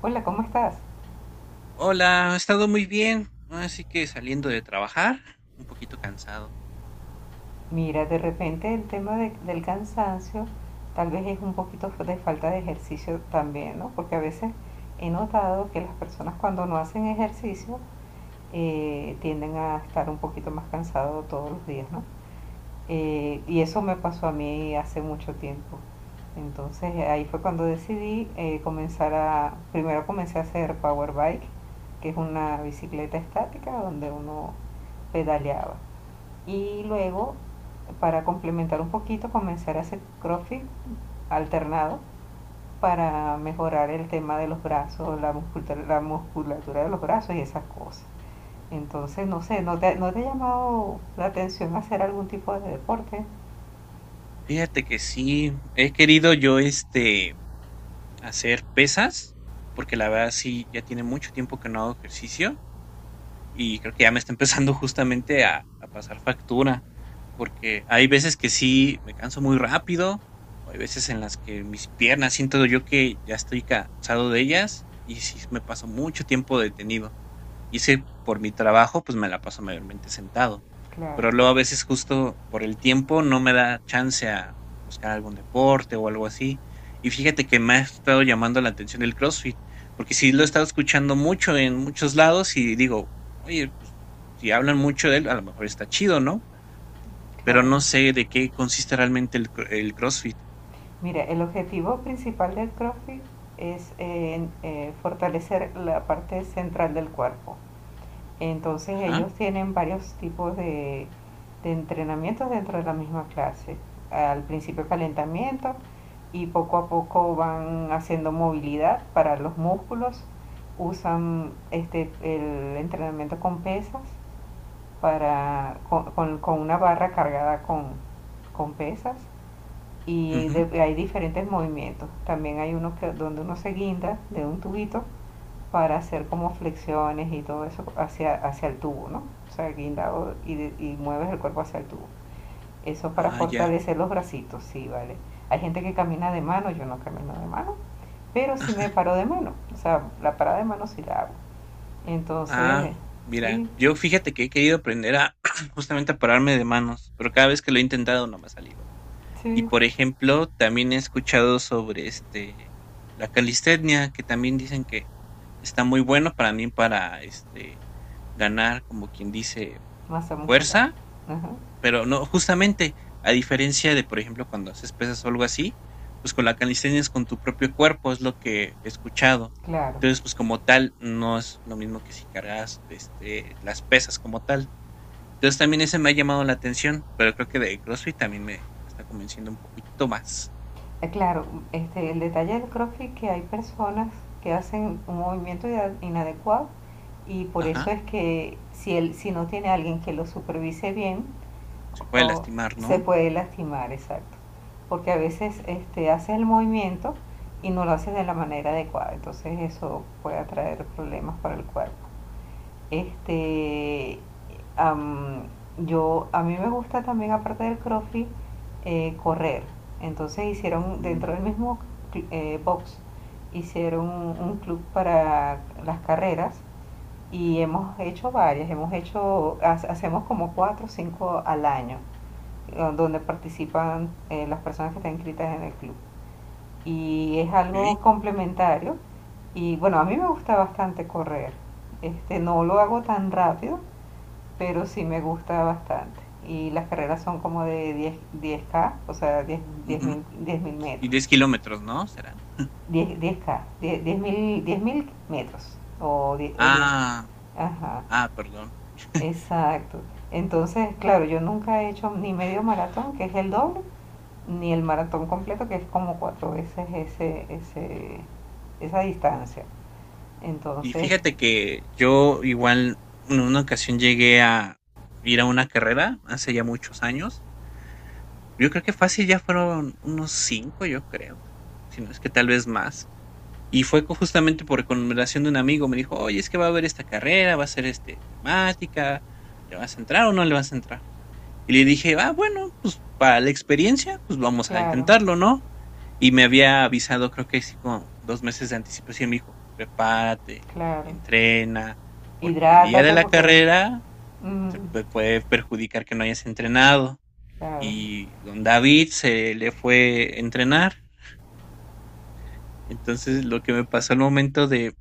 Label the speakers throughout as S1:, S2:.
S1: Hola, ¿cómo estás?
S2: Hola, he estado muy bien, así que saliendo de trabajar, un poquito cansado.
S1: Mira, de repente el tema del cansancio tal vez es un poquito de falta de ejercicio también, ¿no? Porque a veces he notado que las personas cuando no hacen ejercicio tienden a estar un poquito más cansados todos los días, ¿no? Y eso me pasó a mí hace mucho tiempo. Entonces ahí fue cuando decidí, primero comencé a hacer power bike, que es una bicicleta estática donde uno pedaleaba. Y luego, para complementar un poquito, comenzar a hacer crossfit alternado para mejorar el tema de los brazos, la musculatura de los brazos y esas cosas. Entonces, no sé, ¿no te ha llamado la atención hacer algún tipo de deporte?
S2: Fíjate que sí, he querido yo hacer pesas, porque la verdad sí, ya tiene mucho tiempo que no hago ejercicio y creo que ya me está empezando justamente a pasar factura, porque hay veces que sí me canso muy rápido, o hay veces en las que mis piernas siento yo que ya estoy cansado de ellas y sí me paso mucho tiempo detenido. Y si por mi trabajo, pues me la paso mayormente sentado.
S1: Claro,
S2: Pero luego a veces justo por el tiempo no me da chance a buscar algún deporte o algo así. Y fíjate que me ha estado llamando la atención el CrossFit, porque sí lo he estado escuchando mucho en muchos lados y digo, oye, pues, si hablan mucho de él, a lo mejor está chido, ¿no? Pero
S1: claro.
S2: no sé de qué consiste realmente el CrossFit.
S1: Mira, el objetivo principal del CrossFit es fortalecer la parte central del cuerpo. Entonces
S2: Ajá.
S1: ellos tienen varios tipos de entrenamientos dentro de la misma clase. Al principio calentamiento y poco a poco van haciendo movilidad para los músculos. Usan el entrenamiento con pesas, con una barra cargada con pesas. Y
S2: Ujú.
S1: hay diferentes movimientos. También hay uno donde uno se guinda de un tubito para hacer como flexiones y todo eso hacia el tubo, ¿no? O sea, guindado y mueves el cuerpo hacia el tubo. Eso para
S2: Ah, ya.
S1: fortalecer los bracitos, sí, vale. Hay gente que camina de mano, yo no camino de mano, pero sí me paro de mano. O sea, la parada de mano sí la hago.
S2: Ah,
S1: Entonces,
S2: mira,
S1: sí,
S2: yo fíjate que he querido aprender a justamente a pararme de manos, pero cada vez que lo he intentado no me ha salido. Y
S1: sí,
S2: por ejemplo, también he escuchado sobre la calistenia, que también dicen que está muy bueno para mí para ganar, como quien dice,
S1: masa muscular.
S2: fuerza.
S1: Ajá,
S2: Pero no, justamente, a diferencia de, por ejemplo, cuando haces pesas o algo así, pues con la calistenia es con tu propio cuerpo, es lo que he escuchado.
S1: claro.
S2: Entonces, pues como tal, no es lo mismo que si cargas, este, las pesas como tal. Entonces, también ese me ha llamado la atención, pero creo que de CrossFit también me está convenciendo un poquito más.
S1: Claro, el detalle del CrossFit que hay personas que hacen un movimiento inadecuado y por eso
S2: Ajá,
S1: es que si no tiene alguien que lo supervise bien,
S2: se puede
S1: o
S2: lastimar,
S1: se
S2: ¿no?
S1: puede lastimar, exacto. Porque a veces haces el movimiento y no lo haces de la manera adecuada, entonces eso puede traer problemas para el cuerpo. Este, am, a mí me gusta también, aparte del CrossFit, correr. Entonces dentro
S2: Mm,
S1: del mismo box, hicieron un club para las carreras y hemos hecho varias, hemos hecho, ha- hacemos como 4 o 5 al año, donde participan las personas que están inscritas en el club. Y es algo
S2: ok,
S1: complementario y bueno, a mí me gusta bastante correr. No lo hago tan rápido, pero sí me gusta bastante. Y las carreras son como de diez diez k, o sea, 10 10
S2: ujú.
S1: mil, 10 mil
S2: ¿Y 10
S1: metros.
S2: kilómetros, no? ¿Serán?
S1: Diez 10K, 10 10 mil, 10 mil metros. O 10, o diez,
S2: Ah,
S1: ajá,
S2: ah, perdón.
S1: exacto. Entonces, claro, yo nunca he hecho ni medio maratón, que es el doble, ni el maratón completo, que es como cuatro veces esa distancia.
S2: Y
S1: Entonces,
S2: fíjate que yo igual en una ocasión llegué a ir a una carrera hace ya muchos años. Yo creo que fácil ya fueron unos cinco, yo creo. Si no es que tal vez más. Y fue justamente por recomendación de un amigo. Me dijo, oye, es que va a haber esta carrera, va a ser este temática. ¿Le vas a entrar o no le vas a entrar? Y le dije, ah, bueno, pues para la experiencia, pues vamos a
S1: claro,
S2: intentarlo, ¿no? Y me había avisado, creo que sí, con 2 meses de anticipación, me dijo, prepárate,
S1: claro.
S2: entrena, porque el día de
S1: Hidrátate
S2: la
S1: porque…
S2: carrera te
S1: Mm,
S2: puede perjudicar que no hayas entrenado.
S1: claro,
S2: Y don David se le fue a entrenar. Entonces, lo que me pasó al momento de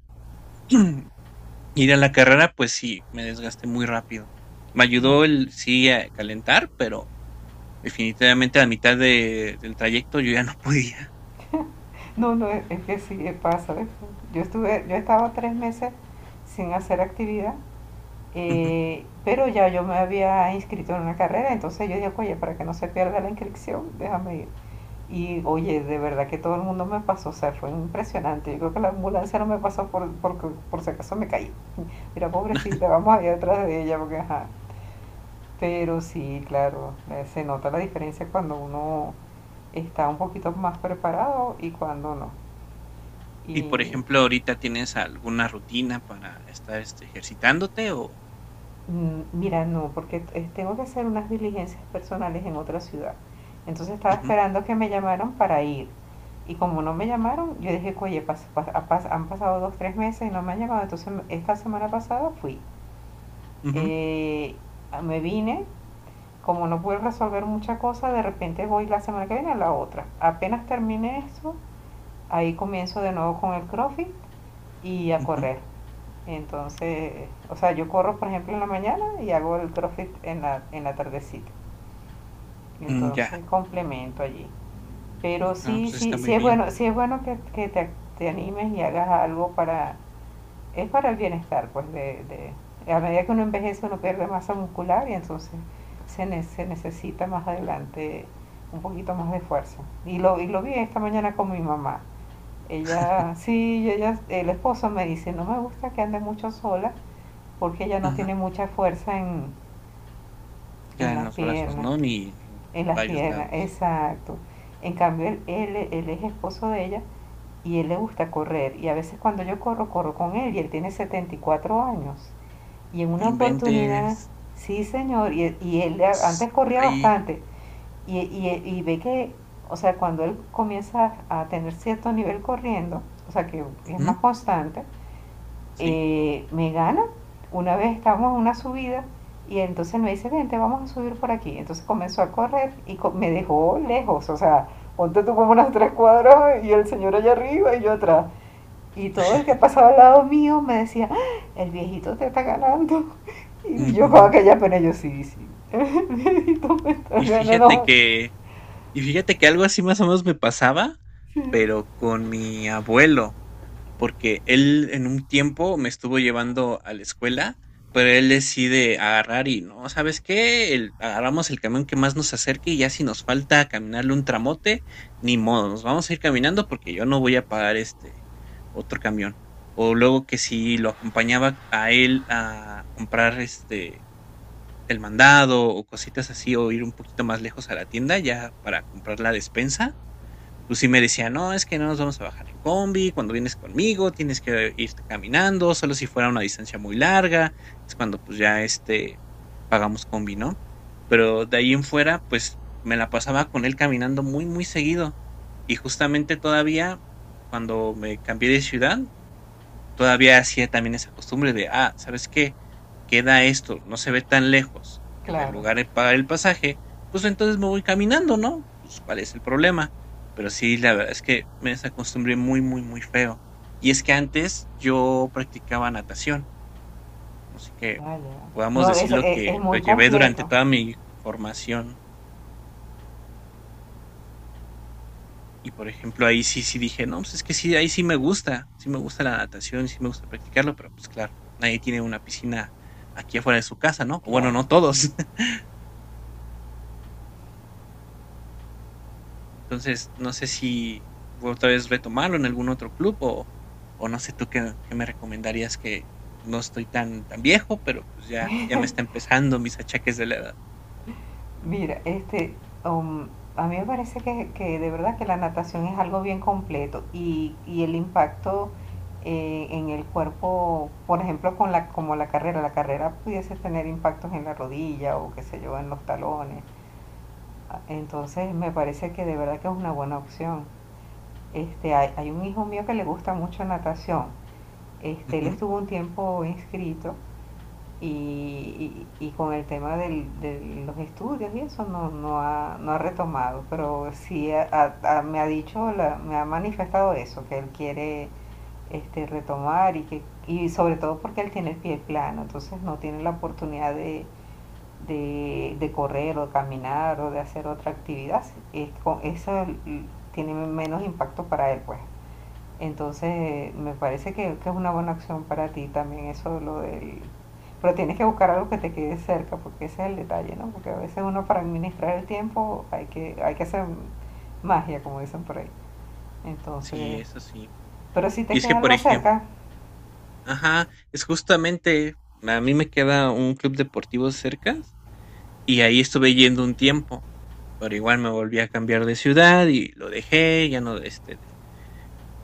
S2: ir a la carrera, pues sí, me desgasté muy rápido. Me
S1: claro.
S2: ayudó el sí a calentar, pero definitivamente, a mitad de del trayecto yo ya no podía.
S1: No, no, que sí, pasa. Yo estaba 3 meses sin hacer actividad,
S2: Ujú.
S1: pero ya yo me había inscrito en una carrera, entonces yo dije, oye, para que no se pierda la inscripción, déjame ir. Y oye, de verdad que todo el mundo me pasó, o sea, fue impresionante. Yo creo que la ambulancia no me pasó por si acaso me caí. Mira, pobrecita, vamos a ir atrás de ella, porque ajá. Pero sí, claro, se nota la diferencia cuando uno está un poquito más preparado y cuando no.
S2: Y,
S1: Y
S2: por ejemplo, ahorita, ¿tienes alguna rutina para estar, este, ejercitándote o?
S1: mira, no, porque tengo que hacer unas diligencias personales en otra ciudad. Entonces estaba
S2: Ujú,
S1: esperando que me llamaran para ir. Y como no me llamaron, yo dije, oye, han pasado 2, 3 meses y no me han llamado. Entonces esta semana pasada fui.
S2: ujú,
S1: Eh, me vine, como no pude resolver mucha cosa, de repente voy la semana que viene a la otra. Apenas terminé eso, ahí comienzo de nuevo con el CrossFit y a
S2: ujú,
S1: correr. Entonces, o sea, yo corro, por ejemplo, en la mañana y hago el CrossFit en la tardecita.
S2: mm, ya.
S1: Entonces, complemento allí. Pero
S2: Ah,
S1: sí,
S2: pues está
S1: sí,
S2: muy bien.
S1: sí es bueno que te animes y hagas algo es para el bienestar, pues, a medida que uno envejece uno pierde masa muscular y entonces se necesita más adelante un poquito más de fuerza. Y lo vi esta mañana con mi mamá. Ella, sí, ella, el esposo me dice, no me gusta que ande mucho sola porque ella no
S2: Ajá.
S1: tiene mucha fuerza en
S2: Ya en
S1: las
S2: los brazos,
S1: piernas,
S2: ¿no? Ni en
S1: en las
S2: varios
S1: piernas,
S2: lados.
S1: exacto. En cambio, él es esposo de ella y él le gusta correr. Y a veces cuando yo corro, corro con él, y él tiene 74 años. Y en
S2: No
S1: una oportunidad,
S2: inventes.
S1: sí señor, y él
S2: S
S1: antes corría
S2: ay.
S1: bastante y ve o sea, cuando él comienza a tener cierto nivel corriendo, o sea, que es más
S2: Ujú,
S1: constante,
S2: sí.
S1: me gana. Una vez estábamos en una subida y entonces me dice, vente, vamos a subir por aquí. Entonces comenzó a correr y me dejó lejos, o sea, ponte tú como unas 3 cuadras y el señor allá arriba y yo atrás. Y todo el que pasaba al lado mío me decía: "Ah, el viejito te está ganando". Y yo con
S2: Ujú.
S1: aquella pena, yo sí, sí, el viejito me está
S2: Y fíjate
S1: ganando.
S2: que y fíjate que algo así más o menos me pasaba, pero con mi abuelo. Porque él en un tiempo me estuvo llevando a la escuela, pero él decide agarrar y no, ¿sabes qué? Agarramos el camión que más nos acerque y ya si nos falta caminarle un tramote, ni modo, nos vamos a ir caminando porque yo no voy a pagar otro camión. O luego que si lo acompañaba a él a comprar el mandado o cositas así o ir un poquito más lejos a la tienda ya para comprar la despensa, pues sí me decía: "No, es que no nos vamos a bajar en combi, cuando vienes conmigo tienes que irte caminando, solo si fuera una distancia muy larga, es cuando, pues, ya, este, pagamos combi", ¿no? Pero de ahí en fuera, pues, me la pasaba con él caminando muy seguido. Y justamente todavía cuando me cambié de ciudad todavía hacía también esa costumbre de, ah, ¿sabes qué? Queda esto, no se ve tan lejos del
S1: Claro,
S2: lugar de pagar el pasaje, pues entonces me voy caminando, ¿no? Pues cuál es el problema. Pero sí, la verdad es que me desacostumbré muy feo. Y es que antes yo practicaba natación, así que
S1: vaya.
S2: podamos
S1: No, es,
S2: decirlo
S1: es, es
S2: que lo
S1: muy
S2: llevé durante
S1: completo,
S2: toda mi formación. Y por ejemplo, ahí sí, sí dije, no, pues es que sí, ahí sí me gusta la natación, sí me gusta practicarlo, pero pues claro, nadie tiene una piscina aquí afuera de su casa, ¿no? O bueno,
S1: claro.
S2: no todos. Entonces, no sé si voy otra vez retomarlo en algún otro club o no sé tú qué, qué me recomendarías, que no estoy tan, tan viejo, pero pues ya, ya me está empezando mis achaques de la edad.
S1: Mira, um, a mí me parece que de verdad que la natación es algo bien completo, y el impacto en el cuerpo, por ejemplo, con como la carrera pudiese tener impactos en la rodilla o qué sé yo, en los talones. Entonces me parece que de verdad que es una buena opción. Hay un hijo mío que le gusta mucho natación. Él
S2: Ujú.
S1: estuvo un tiempo inscrito, y con el tema de los estudios y eso no ha retomado, pero sí me ha dicho, me ha manifestado eso, que él quiere retomar, y sobre todo porque él tiene el pie plano, entonces no tiene la oportunidad de correr o de caminar o de hacer otra actividad, eso tiene menos impacto para él, pues. Entonces, me parece que es una buena acción para ti también, eso lo del… Pero tienes que buscar algo que te quede cerca, porque ese es el detalle, ¿no? Porque a veces uno para administrar el tiempo hay que hacer magia, como dicen por ahí.
S2: Sí,
S1: Entonces,
S2: eso sí.
S1: pero si
S2: Y
S1: te
S2: es que,
S1: queda
S2: por
S1: algo
S2: ejemplo,
S1: cerca,
S2: ajá, es justamente, a mí me queda un club deportivo cerca. Y ahí estuve yendo un tiempo, pero igual me volví a cambiar de ciudad y lo dejé, ya no, este,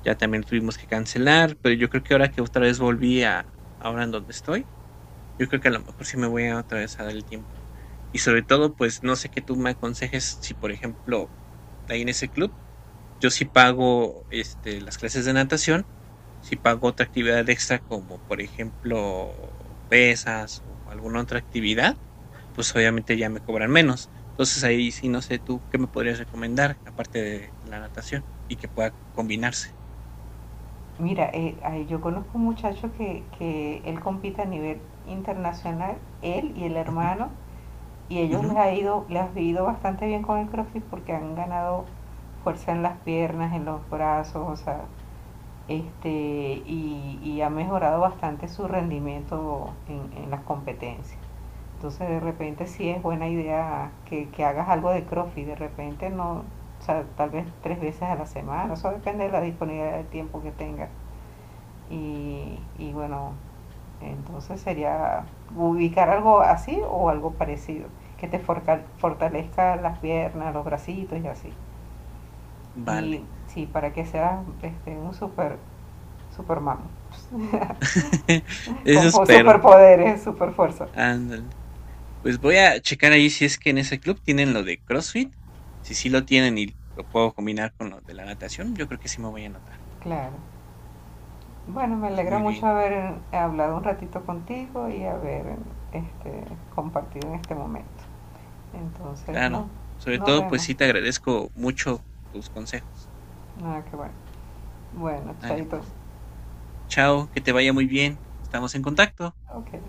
S2: ya también tuvimos que cancelar, pero yo creo que ahora que otra vez volví a, ahora en donde estoy, yo creo que a lo mejor sí me voy a otra vez a dar el tiempo. Y sobre todo, pues no sé qué tú me aconsejes si, por ejemplo, ahí en ese club yo sí pago, este, las clases de natación, sí pago otra actividad extra como, por ejemplo, pesas o alguna otra actividad, pues obviamente ya me cobran menos. Entonces ahí sí no sé tú qué me podrías recomendar aparte de la natación y que pueda combinarse.
S1: mira, yo conozco un muchacho que él compite a nivel internacional, él y el
S2: Ujú,
S1: hermano, y ellos
S2: ujú,
S1: les ha ido bastante bien con el CrossFit porque han ganado fuerza en las piernas, en los brazos, o sea, este, y ha mejorado bastante su rendimiento en las competencias. Entonces de repente sí es buena idea que hagas algo de CrossFit, de repente no, o sea, tal vez 3 veces a la semana, eso depende de la disponibilidad de tiempo que tengas. Y bueno, entonces sería ubicar algo así o algo parecido, que te fortalezca las piernas, los bracitos y así. Y
S2: vale,
S1: sí, para que seas un superman.
S2: eso
S1: Con
S2: espero.
S1: superpoderes, super.
S2: Ándale. Pues voy a checar ahí si es que en ese club tienen lo de CrossFit. Si sí lo tienen y lo puedo combinar con lo de la natación, yo creo que sí me voy a anotar.
S1: Claro. Bueno, me
S2: Pues
S1: alegra
S2: muy
S1: mucho
S2: bien.
S1: haber hablado un ratito contigo y haber este, compartido en este momento. Entonces, no,
S2: Claro, sobre
S1: nos
S2: todo, pues
S1: vemos.
S2: sí te agradezco mucho tus consejos.
S1: Nada, que bueno. Bueno,
S2: Dale,
S1: chaito.
S2: pues. Chao, que te vaya muy bien. Estamos en contacto.
S1: Okay.